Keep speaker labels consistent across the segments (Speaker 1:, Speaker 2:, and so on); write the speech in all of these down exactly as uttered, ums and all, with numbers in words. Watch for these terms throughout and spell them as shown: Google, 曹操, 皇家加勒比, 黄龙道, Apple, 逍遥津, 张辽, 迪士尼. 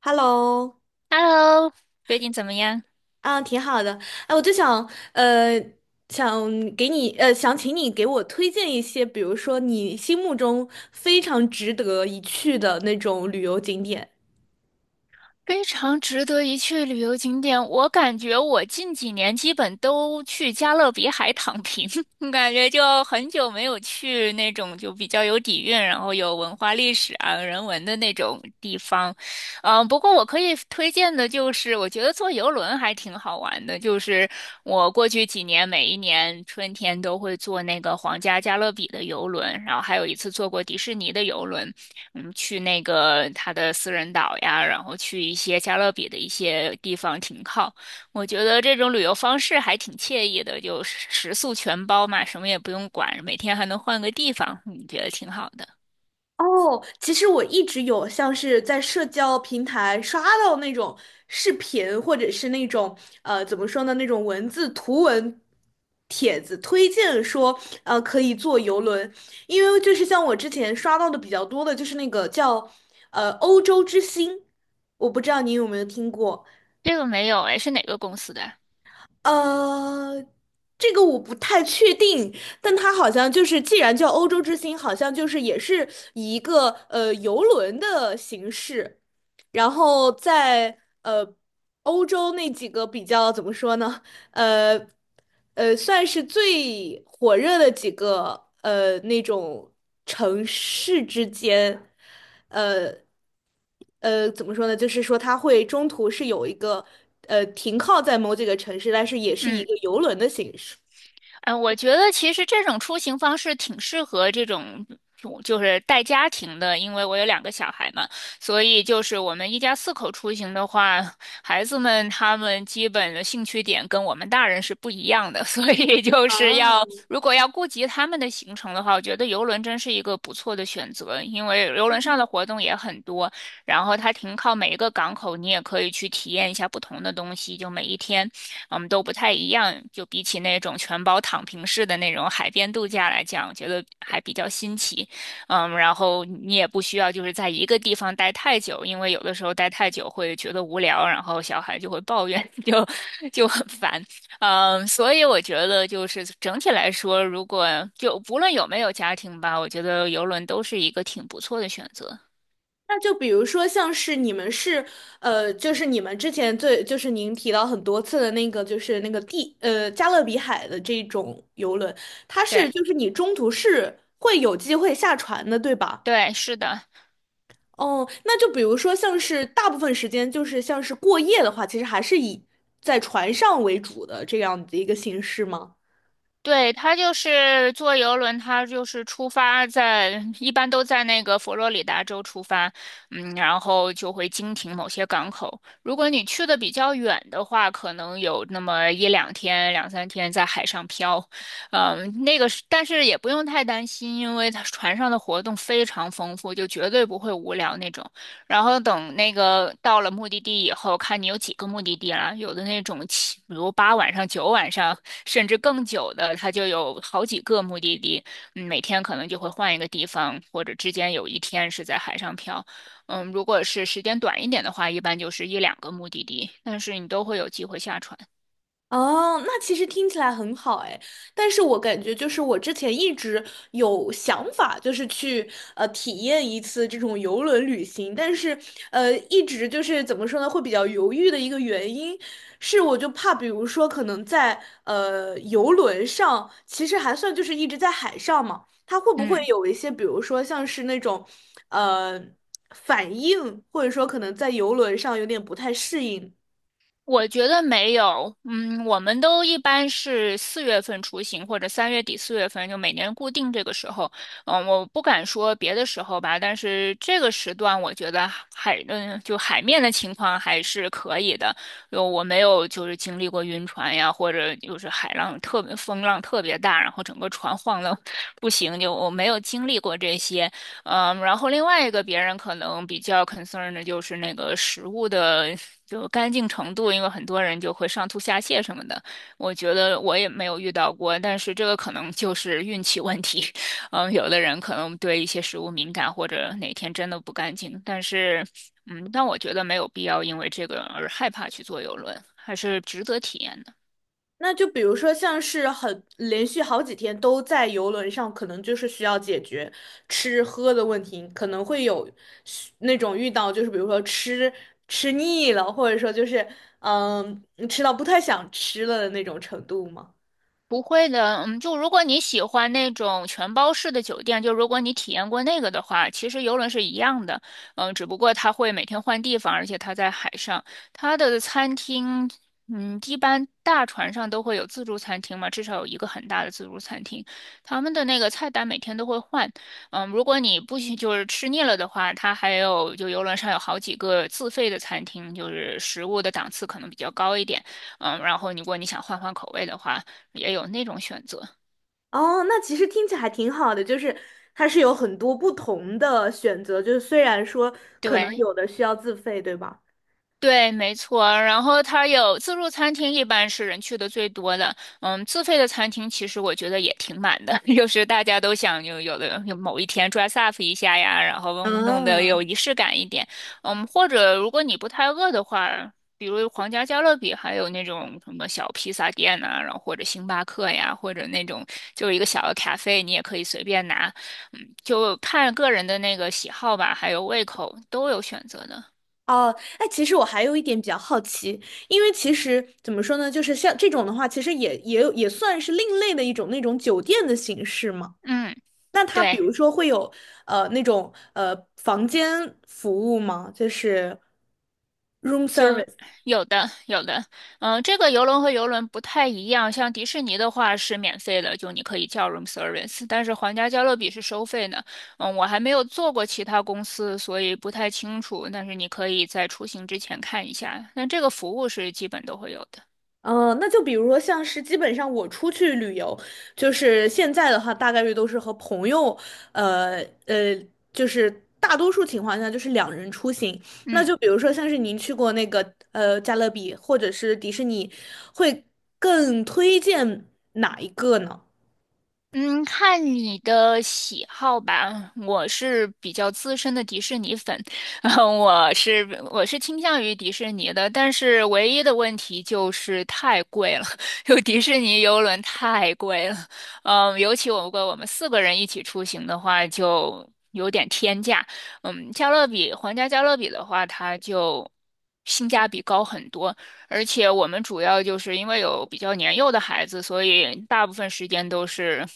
Speaker 1: Hello，
Speaker 2: Hello，最近怎么样？
Speaker 1: 啊，挺好的。哎，我就想，呃，想给你，呃，想请你给我推荐一些，比如说你心目中非常值得一去的那种旅游景点。
Speaker 2: 非常值得一去的旅游景点，我感觉我近几年基本都去加勒比海躺平，感觉就很久没有去那种就比较有底蕴，然后有文化历史啊、人文的那种地方。嗯，不过我可以推荐的就是，我觉得坐游轮还挺好玩的。就是我过去几年，每一年春天都会坐那个皇家加勒比的游轮，然后还有一次坐过迪士尼的游轮，嗯，去那个它的私人岛呀，然后去一些加勒比的一些地方停靠。我觉得这种旅游方式还挺惬意的，就食宿全包嘛，什么也不用管，每天还能换个地方，你觉得挺好的。
Speaker 1: 哦，其实我一直有像是在社交平台刷到那种视频，或者是那种呃怎么说呢，那种文字图文帖子推荐说，呃可以坐游轮，因为就是像我之前刷到的比较多的就是那个叫呃欧洲之星，我不知道你有没有听过。
Speaker 2: 这个没有，哎，是哪个公司的？
Speaker 1: 呃，这个我不太确定，但它好像就是，既然叫欧洲之星，好像就是也是以一个呃游轮的形式，然后在呃欧洲那几个比较怎么说呢？呃呃，算是最火热的几个呃那种城市之间，呃呃，怎么说呢？就是说它会中途是有一个呃停靠在某几个城市，但是也是一
Speaker 2: 嗯。
Speaker 1: 个游轮的形式。
Speaker 2: 嗯，我觉得其实这种出行方式挺适合这种，就就是带家庭的，因为我有两个小孩嘛，所以就是我们一家四口出行的话，孩子们他们基本的兴趣点跟我们大人是不一样的，所以就是要如果要顾及他们的行程的话，我觉得游轮真是一个不错的选择，因为游轮上的活动也很多，然后它停靠每一个港口，你也可以去体验一下不同的东西，就每一天。我们都不太一样。就比起那种全包躺平式的那种海边度假来讲，我觉得还比较新奇。嗯，然后你也不需要就是在一个地方待太久，因为有的时候待太久会觉得无聊，然后小孩就会抱怨，就就很烦。嗯，所以我觉得就是整体来说，如果就不论有没有家庭吧，我觉得游轮都是一个挺不错的选择。
Speaker 1: 那就比如说像是你们是呃，就是你们之前最就是您提到很多次的那个就是那个地呃加勒比海的这种游轮，它
Speaker 2: 对
Speaker 1: 是就是你中途是会有机会下船的，对吧？
Speaker 2: 对，是的。
Speaker 1: 哦，那就比如说像是大部分时间就是像是过夜的话，其实还是以在船上为主的这样的一个形式吗？
Speaker 2: 对，他就是坐游轮，他就是出发在，一般都在那个佛罗里达州出发，嗯，然后就会经停某些港口。如果你去的比较远的话，可能有那么一两天、两三天在海上漂，嗯，那个是，但是也不用太担心，因为它船上的活动非常丰富，就绝对不会无聊那种。然后等那个到了目的地以后，看你有几个目的地了。有的那种七，比如八晚上、九晚上，甚至更久的，它就有好几个目的地。嗯，每天可能就会换一个地方，或者之间有一天是在海上漂。嗯，如果是时间短一点的话，一般就是一两个目的地，但是你都会有机会下船。
Speaker 1: 哦，那其实听起来很好哎，但是我感觉就是我之前一直有想法，就是去呃体验一次这种游轮旅行，但是呃一直就是怎么说呢，会比较犹豫的一个原因是，我就怕比如说可能在呃游轮上，其实还算就是一直在海上嘛，它会不会
Speaker 2: 嗯。
Speaker 1: 有一些比如说像是那种呃反应，或者说可能在游轮上有点不太适应。
Speaker 2: 我觉得没有，嗯，我们都一般是四月份出行，或者三月底四月份，就每年固定这个时候。嗯，我不敢说别的时候吧，但是这个时段我觉得海，嗯，就海面的情况还是可以的。就我没有就是经历过晕船呀，或者就是海浪特别风浪特别大，然后整个船 晃的不行，就我没有经历过这些。嗯，然后另外一个别人可能比较 concern 的就是那个食物的就干净程度，因为很多人就会上吐下泻什么的。我觉得我也没有遇到过，但是这个可能就是运气问题。嗯，有的人可能对一些食物敏感，或者哪天真的不干净，但是嗯，但我觉得没有必要因为这个而害怕去坐游轮，还是值得体验的。
Speaker 1: 那就比如说，像是很连续好几天都在游轮上，可能就是需要解决吃喝的问题，可能会有需那种遇到，就是比如说吃吃腻了，或者说就是嗯吃到不太想吃了的那种程度吗？
Speaker 2: 不会的，嗯，就如果你喜欢那种全包式的酒店，就如果你体验过那个的话，其实游轮是一样的，嗯，只不过它会每天换地方，而且它在海上，它的餐厅，嗯，一般大船上都会有自助餐厅嘛，至少有一个很大的自助餐厅，他们的那个菜单每天都会换，嗯，如果你不行就是吃腻了的话，它还有就游轮上有好几个自费的餐厅，就是食物的档次可能比较高一点，嗯，然后如果你想换换口味的话。也有那种选择。
Speaker 1: 哦，那其实听起来还挺好的，就是它是有很多不同的选择，就是虽然说可能
Speaker 2: 对，
Speaker 1: 有的需要自费，对吧？
Speaker 2: 对，没错。然后它有自助餐厅，一般是人去的最多的。嗯，自费的餐厅其实我觉得也挺满的，就是大家都想有有的有某一天 dress up 一下呀，然后弄得
Speaker 1: 嗯。
Speaker 2: 有仪式感一点。嗯，或者如果你不太饿的话，比如皇家加勒比，还有那种什么小披萨店呐、然后或者星巴克呀，或者那种就是一个小的咖啡，你也可以随便拿。嗯，就看个人的那个喜好吧，还有胃口都有选择的。
Speaker 1: 哦，哎，其实我还有一点比较好奇，因为其实怎么说呢，就是像这种的话，其实也也有也算是另类的一种那种酒店的形式嘛。
Speaker 2: 嗯，
Speaker 1: 那它比
Speaker 2: 对。
Speaker 1: 如说会有呃那种呃房间服务吗？就是 room
Speaker 2: 就
Speaker 1: service。
Speaker 2: 有的有的，嗯，这个游轮和游轮不太一样，像迪士尼的话是免费的，就你可以叫 room service，但是皇家加勒比是收费的。嗯，我还没有做过其他公司，所以不太清楚，但是你可以在出行之前看一下。那这个服务是基本都会有的。
Speaker 1: 嗯，呃那就比如说，像是基本上我出去旅游，就是现在的话，大概率都是和朋友，呃呃，就是大多数情况下就是两人出行。那
Speaker 2: 嗯。
Speaker 1: 就比如说，像是您去过那个呃加勒比或者是迪士尼，会更推荐哪一个呢？
Speaker 2: 嗯，看你的喜好吧。我是比较资深的迪士尼粉，嗯我是我是倾向于迪士尼的，但是唯一的问题就是太贵了，就迪士尼游轮太贵了。嗯，尤其我如果我们四个人一起出行的话，就有点天价。嗯，加勒比皇家加勒比的话，它就性价比高很多。而且我们主要就是因为有比较年幼的孩子，所以大部分时间都是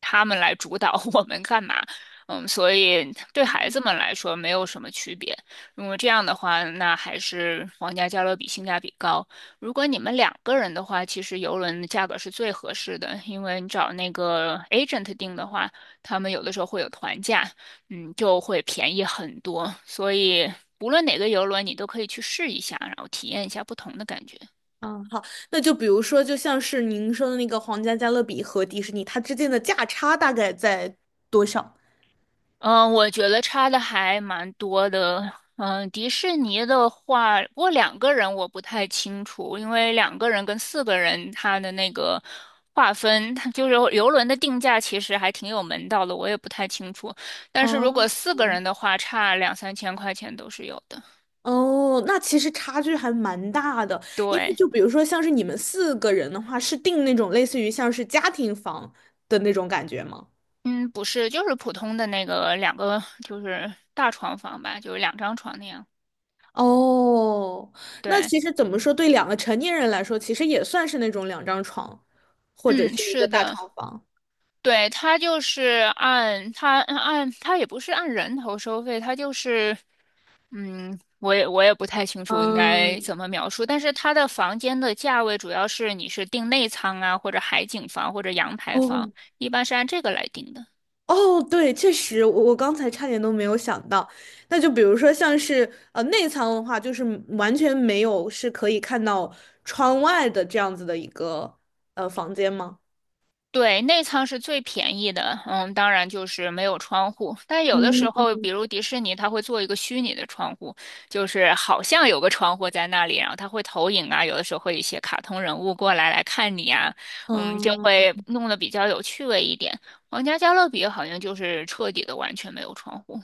Speaker 2: 他们来主导 我们干嘛。嗯，所以对孩子们来说没有什么区别。如果这样的话，那还是皇家加勒比性价比高。如果你们两个人的话，其实游轮的价格是最合适的，因为你找那个 agent 定的话，他们有的时候会有团价，嗯，就会便宜很多。所以无论哪个游轮，你都可以去试一下，然后体验一下不同的感觉。
Speaker 1: 嗯，好，那就比如说，就像是您说的那个皇家加勒比和迪士尼，它之间的价差大概在多少？
Speaker 2: 嗯，我觉得差的还蛮多的。嗯，迪士尼的话，不过两个人我不太清楚，因为两个人跟四个人他的那个划分，它就是游轮的定价其实还挺有门道的，我也不太清楚。但是如果
Speaker 1: 哦，
Speaker 2: 四个人的话，差两三千块钱都是有的。
Speaker 1: 哦，那其实差距还蛮大的，因为
Speaker 2: 对。
Speaker 1: 就比如说像是你们四个人的话，是订那种类似于像是家庭房的那种感觉吗？
Speaker 2: 嗯，不是，就是普通的那个两个，就是大床房吧，就是两张床那样。
Speaker 1: 哦，那
Speaker 2: 对，
Speaker 1: 其实怎么说，对两个成年人来说，其实也算是那种两张床，或者
Speaker 2: 嗯，
Speaker 1: 是一个
Speaker 2: 是
Speaker 1: 大
Speaker 2: 的，
Speaker 1: 床房。
Speaker 2: 对，它就是按它按它也不是按人头收费，它就是嗯，我也我也不太清楚应该
Speaker 1: 嗯，
Speaker 2: 怎么描述，但是它的房间的价位主要是你是订内舱啊，或者海景房或者阳台房，
Speaker 1: 哦，
Speaker 2: 一般是按这个来定的。
Speaker 1: 哦，对，确实，我我刚才差点都没有想到。那就比如说，像是呃内舱的话，就是完全没有是可以看到窗外的这样子的一个呃房间吗？
Speaker 2: 对，内舱是最便宜的，嗯，当然就是没有窗户。但有的时
Speaker 1: 嗯
Speaker 2: 候，比如迪士尼，它会做一个虚拟的窗户，就是好像有个窗户在那里，然后它会投影啊，有的时候会有一些卡通人物过来来看你啊，嗯，就
Speaker 1: 嗯，
Speaker 2: 会弄得比较有趣味一点。皇家加勒比好像就是彻底的完全没有窗户。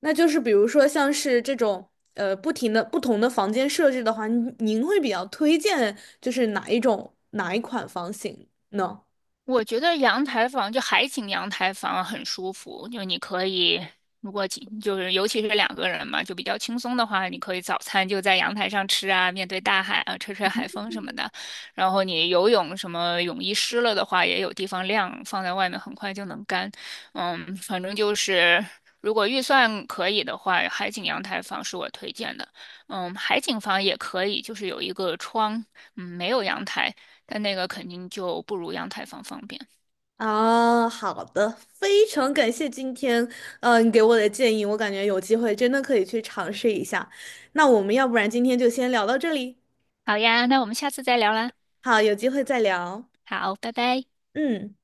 Speaker 1: 那就是比如说像是这种呃不停的不同的房间设置的话，您您会比较推荐就是哪一种哪一款房型呢？
Speaker 2: 我觉得阳台房就海景阳台房很舒服，就你可以，如果几就是尤其是两个人嘛，就比较轻松的话，你可以早餐就在阳台上吃啊，面对大海啊，吹吹海风什么的。然后你游泳什么泳衣湿了的话，也有地方晾，放在外面很快就能干。嗯，反正就是如果预算可以的话，海景阳台房是我推荐的。嗯，海景房也可以，就是有一个窗，嗯，没有阳台。但那个肯定就不如阳台房方便。
Speaker 1: 啊，好的，非常感谢今天，呃，你给我的建议，我感觉有机会真的可以去尝试一下。那我们要不然今天就先聊到这里，
Speaker 2: 好呀，那我们下次再聊啦。
Speaker 1: 好，有机会再聊。
Speaker 2: 好，拜拜。
Speaker 1: 嗯。